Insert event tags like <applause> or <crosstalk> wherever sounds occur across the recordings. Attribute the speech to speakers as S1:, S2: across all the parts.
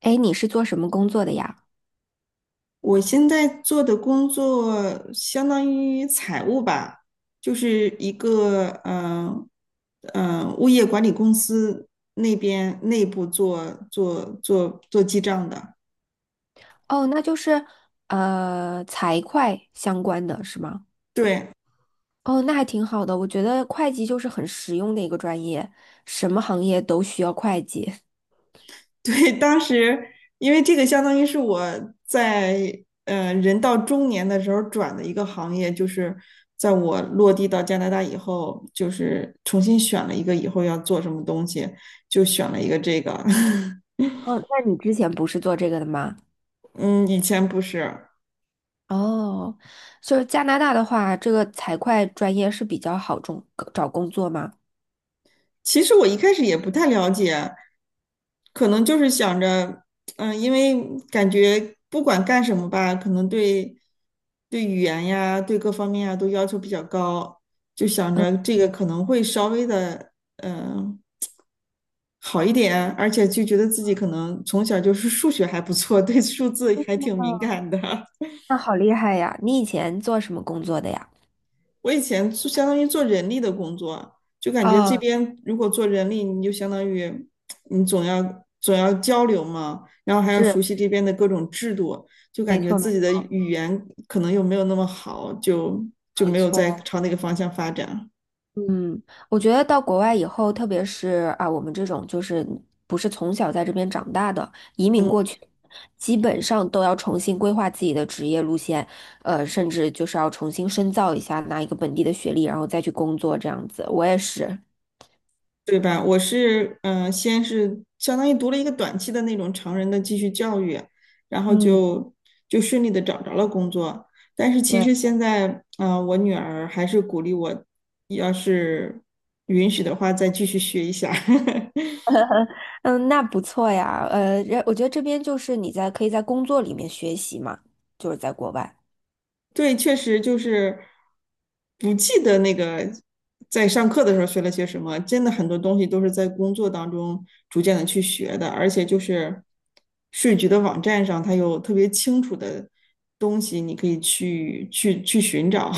S1: 哎，你是做什么工作的呀？
S2: 我现在做的工作相当于财务吧，就是一个物业管理公司那边内部做记账的。
S1: 哦，那就是财会相关的是吗？
S2: 对
S1: 哦，那还挺好的，我觉得会计就是很实用的一个专业，什么行业都需要会计。<laughs>
S2: <laughs> 对，当时因为这个相当于是我在人到中年的时候转的一个行业，就是在我落地到加拿大以后，就是重新选了一个以后要做什么东西，就选了一个这个。<laughs>
S1: 哦，那你之前不是做这个的吗？
S2: 嗯，以前不是。
S1: 哦，就是加拿大的话，这个财会专业是比较好中找工作吗？
S2: 其实我一开始也不太了解，可能就是想着，因为感觉不管干什么吧，可能对语言呀，对各方面啊都要求比较高，就想着这个可能会稍微的，嗯，好一点，而且就觉得自己可能从小就是数学还不错，对数字还挺敏感的。<laughs>
S1: 那好厉害呀！你以前做什么工作的呀？
S2: 我以前就相当于做人力的工作啊，就感觉这
S1: 哦，
S2: 边如果做人力，你就相当于你总要交流嘛，然后还要
S1: 是，
S2: 熟悉这边的各种制度，就
S1: 没
S2: 感觉
S1: 错，
S2: 自
S1: 没
S2: 己的语言可能又没有那么好，就
S1: 没
S2: 没有再
S1: 错。
S2: 朝那个方向发展。
S1: 嗯，我觉得到国外以后，特别是啊，我们这种就是不是从小在这边长大的，移民过去，基本上都要重新规划自己的职业路线，甚至就是要重新深造一下，拿一个本地的学历，然后再去工作这样子。我也是。
S2: 对吧？我是先是相当于读了一个短期的那种成人的继续教育，然后
S1: 嗯。
S2: 就顺利的找着了工作。但是其
S1: 对，
S2: 实现在，我女儿还是鼓励我，要是允许的话，再继续学一下。<laughs>
S1: 嗯，那不错呀，我觉得这边就是你在可以在工作里面学习嘛，就是在国外。
S2: 对，确实就是不记得那个在上课的时候学了些什么，真的很多东西都是在工作当中逐渐的去学的，而且就是税局的网站上，它有特别清楚的东西，你可以去寻找。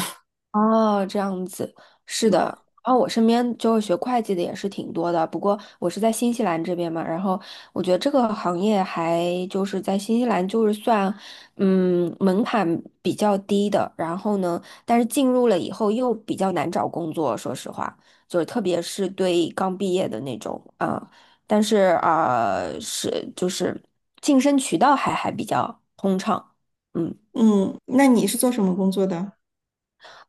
S1: 哦，这样子，是的。然后我身边就是学会计的也是挺多的，不过我是在新西兰这边嘛，然后我觉得这个行业还就是在新西兰就是算，门槛比较低的。然后呢，但是进入了以后又比较难找工作，说实话，就是特别是对刚毕业的那种啊，但是啊，是就是晋升渠道还比较通畅。嗯。
S2: <laughs> 嗯，那你是做什么工作的？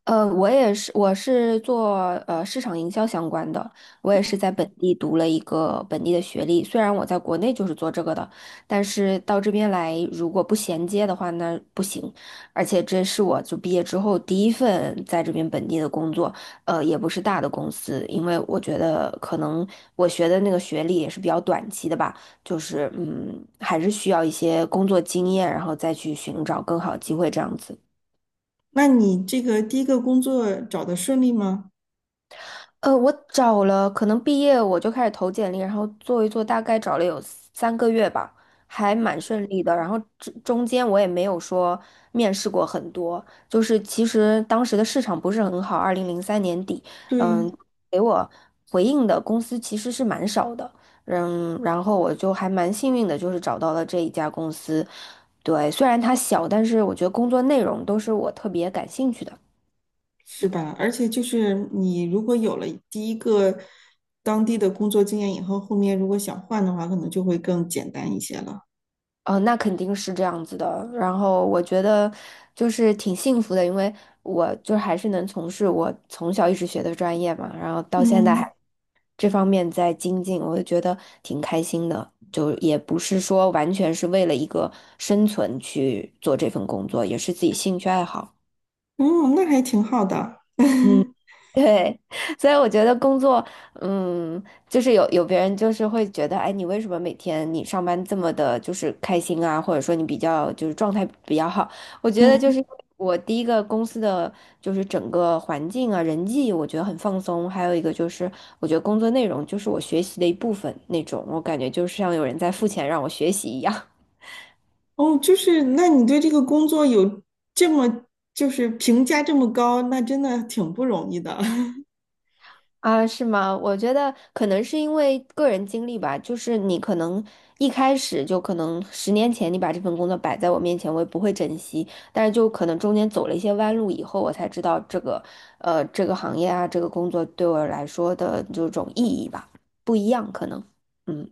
S1: 我也是，我是做市场营销相关的，我也是在本地读了一个本地的学历。虽然我在国内就是做这个的，但是到这边来如果不衔接的话，那不行。而且这是我就毕业之后第一份在这边本地的工作，也不是大的公司，因为我觉得可能我学的那个学历也是比较短期的吧，就是还是需要一些工作经验，然后再去寻找更好的机会这样子。
S2: 那你这个第一个工作找的顺利吗？
S1: 我找了，可能毕业我就开始投简历，然后做一做，大概找了有3个月吧，还蛮顺利的。然后这中间我也没有说面试过很多，就是其实当时的市场不是很好，2003年底，嗯，
S2: 对，
S1: 给我回应的公司其实是蛮少的，嗯，然后我就还蛮幸运的，就是找到了这一家公司。对，虽然它小，但是我觉得工作内容都是我特别感兴趣的。
S2: 是吧？而且就是你如果有了第一个当地的工作经验以后，后面如果想换的话，可能就会更简单一些了。
S1: 哦，那肯定是这样子的。然后我觉得就是挺幸福的，因为我就还是能从事我从小一直学的专业嘛，然后到现在还
S2: 嗯，
S1: 这方面在精进，我就觉得挺开心的。就也不是说完全是为了一个生存去做这份工作，也是自己兴趣爱好。
S2: 嗯，那还挺好的。
S1: 嗯。
S2: <laughs>
S1: 对，<laughs> 所以我觉得工作，嗯，就是有别人就是会觉得，哎，你为什么每天你上班这么的，就是开心啊，或者说你比较就是状态比较好？我觉得就
S2: 嗯，
S1: 是我第一个公司的就是整个环境啊，人际我觉得很放松，还有一个就是我觉得工作内容就是我学习的一部分那种，我感觉就像有人在付钱让我学习一样。
S2: 哦，就是那你对这个工作有这么就是评价这么高，那真的挺不容易的。<laughs>
S1: 啊，是吗？我觉得可能是因为个人经历吧，就是你可能一开始就可能10年前你把这份工作摆在我面前，我也不会珍惜，但是就可能中间走了一些弯路以后，我才知道这个，这个行业啊，这个工作对我来说的这种意义吧，不一样可能。嗯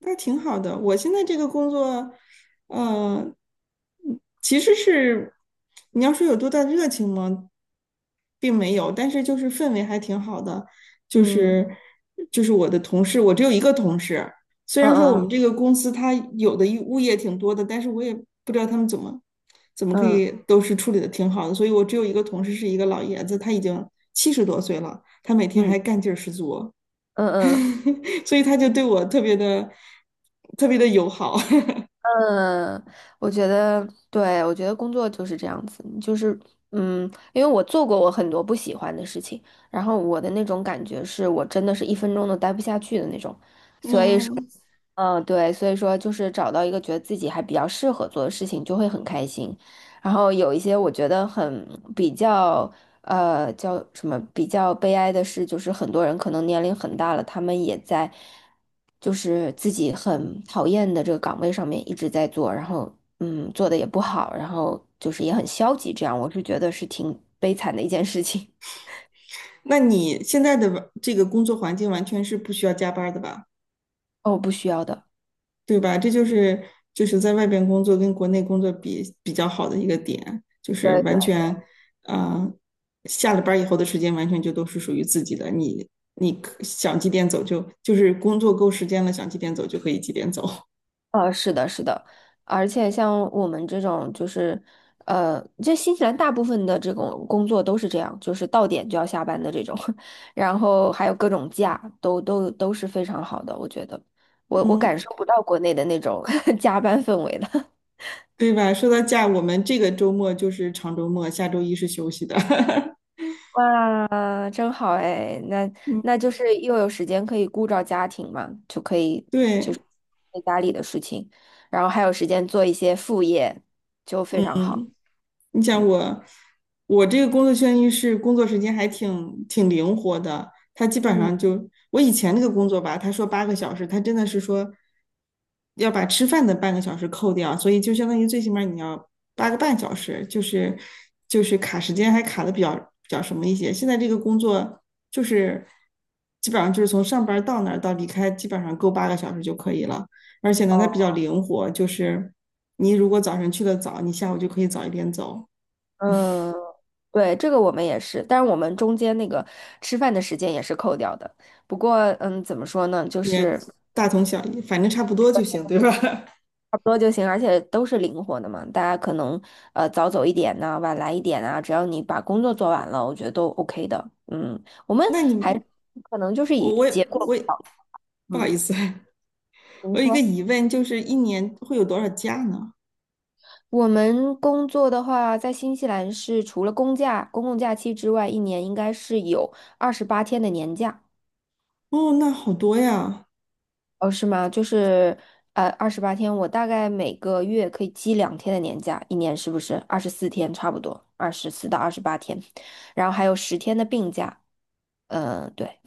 S2: 那挺好的。我现在这个工作，呃，其实是你要说有多大热情吗，并没有，但是就是氛围还挺好的，就
S1: 嗯
S2: 是就是我的同事，我只有一个同事，虽然说我
S1: 嗯
S2: 们这个公司它有的一物业挺多的，但是我也不知道他们怎么可
S1: 嗯嗯
S2: 以都是处理的挺好的，所以我只有一个同事是一个老爷子，他已经70多岁了，他每天
S1: 嗯
S2: 还干劲儿十足。
S1: 嗯嗯。嗯
S2: <laughs> 所以他就对我特别的特别的友好。<laughs>
S1: 嗯，我觉得，对，我觉得工作就是这样子，就是，嗯，因为我做过我很多不喜欢的事情，然后我的那种感觉是我真的是1分钟都待不下去的那种，所以说。
S2: 嗯，
S1: 嗯，对，所以说就是找到一个觉得自己还比较适合做的事情，就会很开心。然后有一些我觉得很比较，叫什么比较悲哀的事，就是很多人可能年龄很大了，他们也在就是自己很讨厌的这个岗位上面一直在做，然后做的也不好，然后就是也很消极，这样我是觉得是挺悲惨的一件事情。
S2: 那你现在的这个工作环境完全是不需要加班的吧？
S1: <laughs> 哦，不需要的。
S2: 对吧？这就是在外边工作跟国内工作比较好的一个点，就是
S1: 对对。
S2: 完全，啊，呃下了班以后的时间完全就都是属于自己的，你可想几点走就是工作够时间了，想几点走就可以几点走，
S1: 是的，是的，而且像我们这种，就是，这新西兰大部分的这种工作都是这样，就是到点就要下班的这种，<laughs> 然后还有各种假，都是非常好的，我觉得，我
S2: <laughs>
S1: 我
S2: 嗯，
S1: 感受不到国内的那种 <laughs> 加班氛围了。
S2: 对吧？说到假，我们这个周末就是长周末，下周一是休息的，<laughs>
S1: 哇，真好哎，那
S2: 嗯。
S1: 那就是又有时间可以顾照家庭嘛，就可以就
S2: 对，
S1: 是做家里的事情，然后还有时间做一些副业，就非常好。
S2: 你想
S1: 嗯。
S2: 我，我这个工作圈一是工作时间还挺灵活的，他基本
S1: 嗯。
S2: 上就我以前那个工作吧，他说八个小时，他真的是说要把吃饭的半个小时扣掉，所以就相当于最起码你要8个半小时，就是卡时间还卡的比较什么一些。现在这个工作就是基本上就是从上班到那儿到离开，基本上够八个小时就可以了。而且呢，它比
S1: 哦。
S2: 较灵活，就是你如果早晨去的早，你下午就可以早一点走。
S1: 嗯，对，这个我们也是，但是我们中间那个吃饭的时间也是扣掉的。不过，怎么说呢，就
S2: 也
S1: 是
S2: 大同小异，反正差不多就行，对吧？
S1: 差不多就行，而且都是灵活的嘛。大家可能早走一点呐、晚来一点啊，只要你把工作做完了，我觉得都 OK 的。嗯，我们
S2: <laughs> 那你
S1: 还
S2: 们，
S1: 可能就是
S2: 我
S1: 以
S2: 我也
S1: 结
S2: 我
S1: 果导向
S2: 不好意思，
S1: 您
S2: 我有一个
S1: 说。
S2: 疑问，就是一年会有多少假呢？
S1: 我们工作的话，在新西兰是除了公假、公共假期之外，一年应该是有二十八天的年假。
S2: 哦，那好多呀！
S1: 哦，是吗？就是二十八天，我大概每个月可以积2天的年假，一年是不是24天差不多？24到28天，然后还有10天的病假。嗯、对，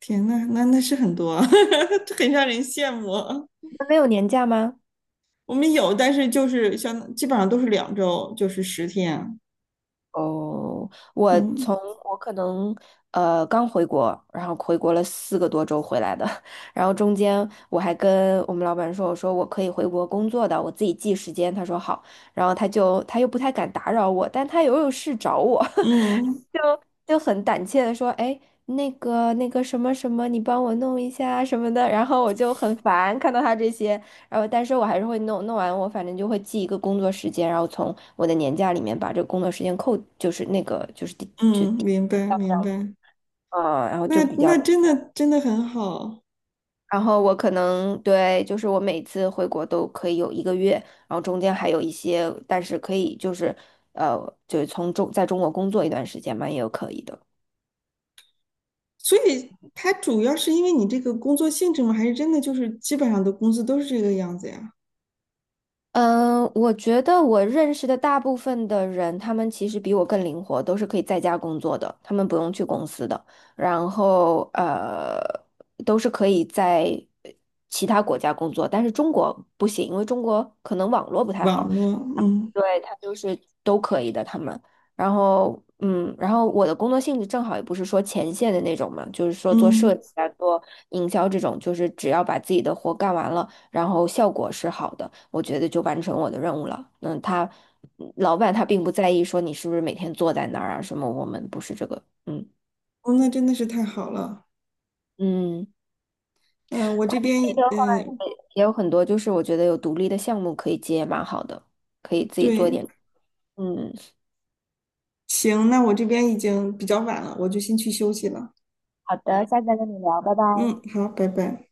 S2: 天呐，那是很多啊，<laughs> 这很让人羡慕啊。
S1: 你们没有年假吗？
S2: 我们有，但是就是像基本上都是2周，就是10天啊。
S1: 哦，
S2: 嗯
S1: 我可能刚回国，然后回国了4个多周回来的，<laughs> 然后中间我还跟我们老板说，我说我可以回国工作的，我自己记时间，他说好，然后他又不太敢打扰我，但他又有事找我。<laughs>
S2: 嗯
S1: 就很胆怯的说，哎，那个什么什么，你帮我弄一下什么的，然后我就很烦看到他这些，然后但是我还是会弄，弄完我反正就会记一个工作时间，然后从我的年假里面把这个工作时间扣，就是那个就是第，
S2: 嗯，明白明白。
S1: 然后就
S2: 那
S1: 比较，
S2: 那真的真的很好。
S1: 然后我可能对，就是我每次回国都可以有1个月，然后中间还有一些，但是可以就是呃，就是从中在中国工作一段时间嘛，也有可以的。
S2: 所以它主要是因为你这个工作性质吗？还是真的就是基本上的工资都是这个样子呀？
S1: 嗯，我觉得我认识的大部分的人，他们其实比我更灵活，都是可以在家工作的，他们不用去公司的，然后都是可以在其他国家工作，但是中国不行，因为中国可能网络不太
S2: 网
S1: 好。
S2: 络，嗯
S1: 对，可以的，他们。然后，然后我的工作性质正好也不是说前线的那种嘛，就是说做设
S2: 嗯，
S1: 计啊、做营销这种，就是只要把自己的活干完了，然后效果是好的，我觉得就完成我的任务了。嗯，他老板他并不在意说你是不是每天坐在那儿啊什么，我们不是这个，嗯
S2: 哦，那真的是太好了。
S1: 嗯，
S2: 嗯，我这边，
S1: 这个话
S2: 嗯，
S1: 也有很多，就是我觉得有独立的项目可以接，蛮好的，可以自己做一
S2: 对，
S1: 点。嗯，
S2: 行，那我这边已经比较晚了，我就先去休息了。
S1: 好的，下次再跟你聊，拜拜。
S2: 嗯，好，拜拜。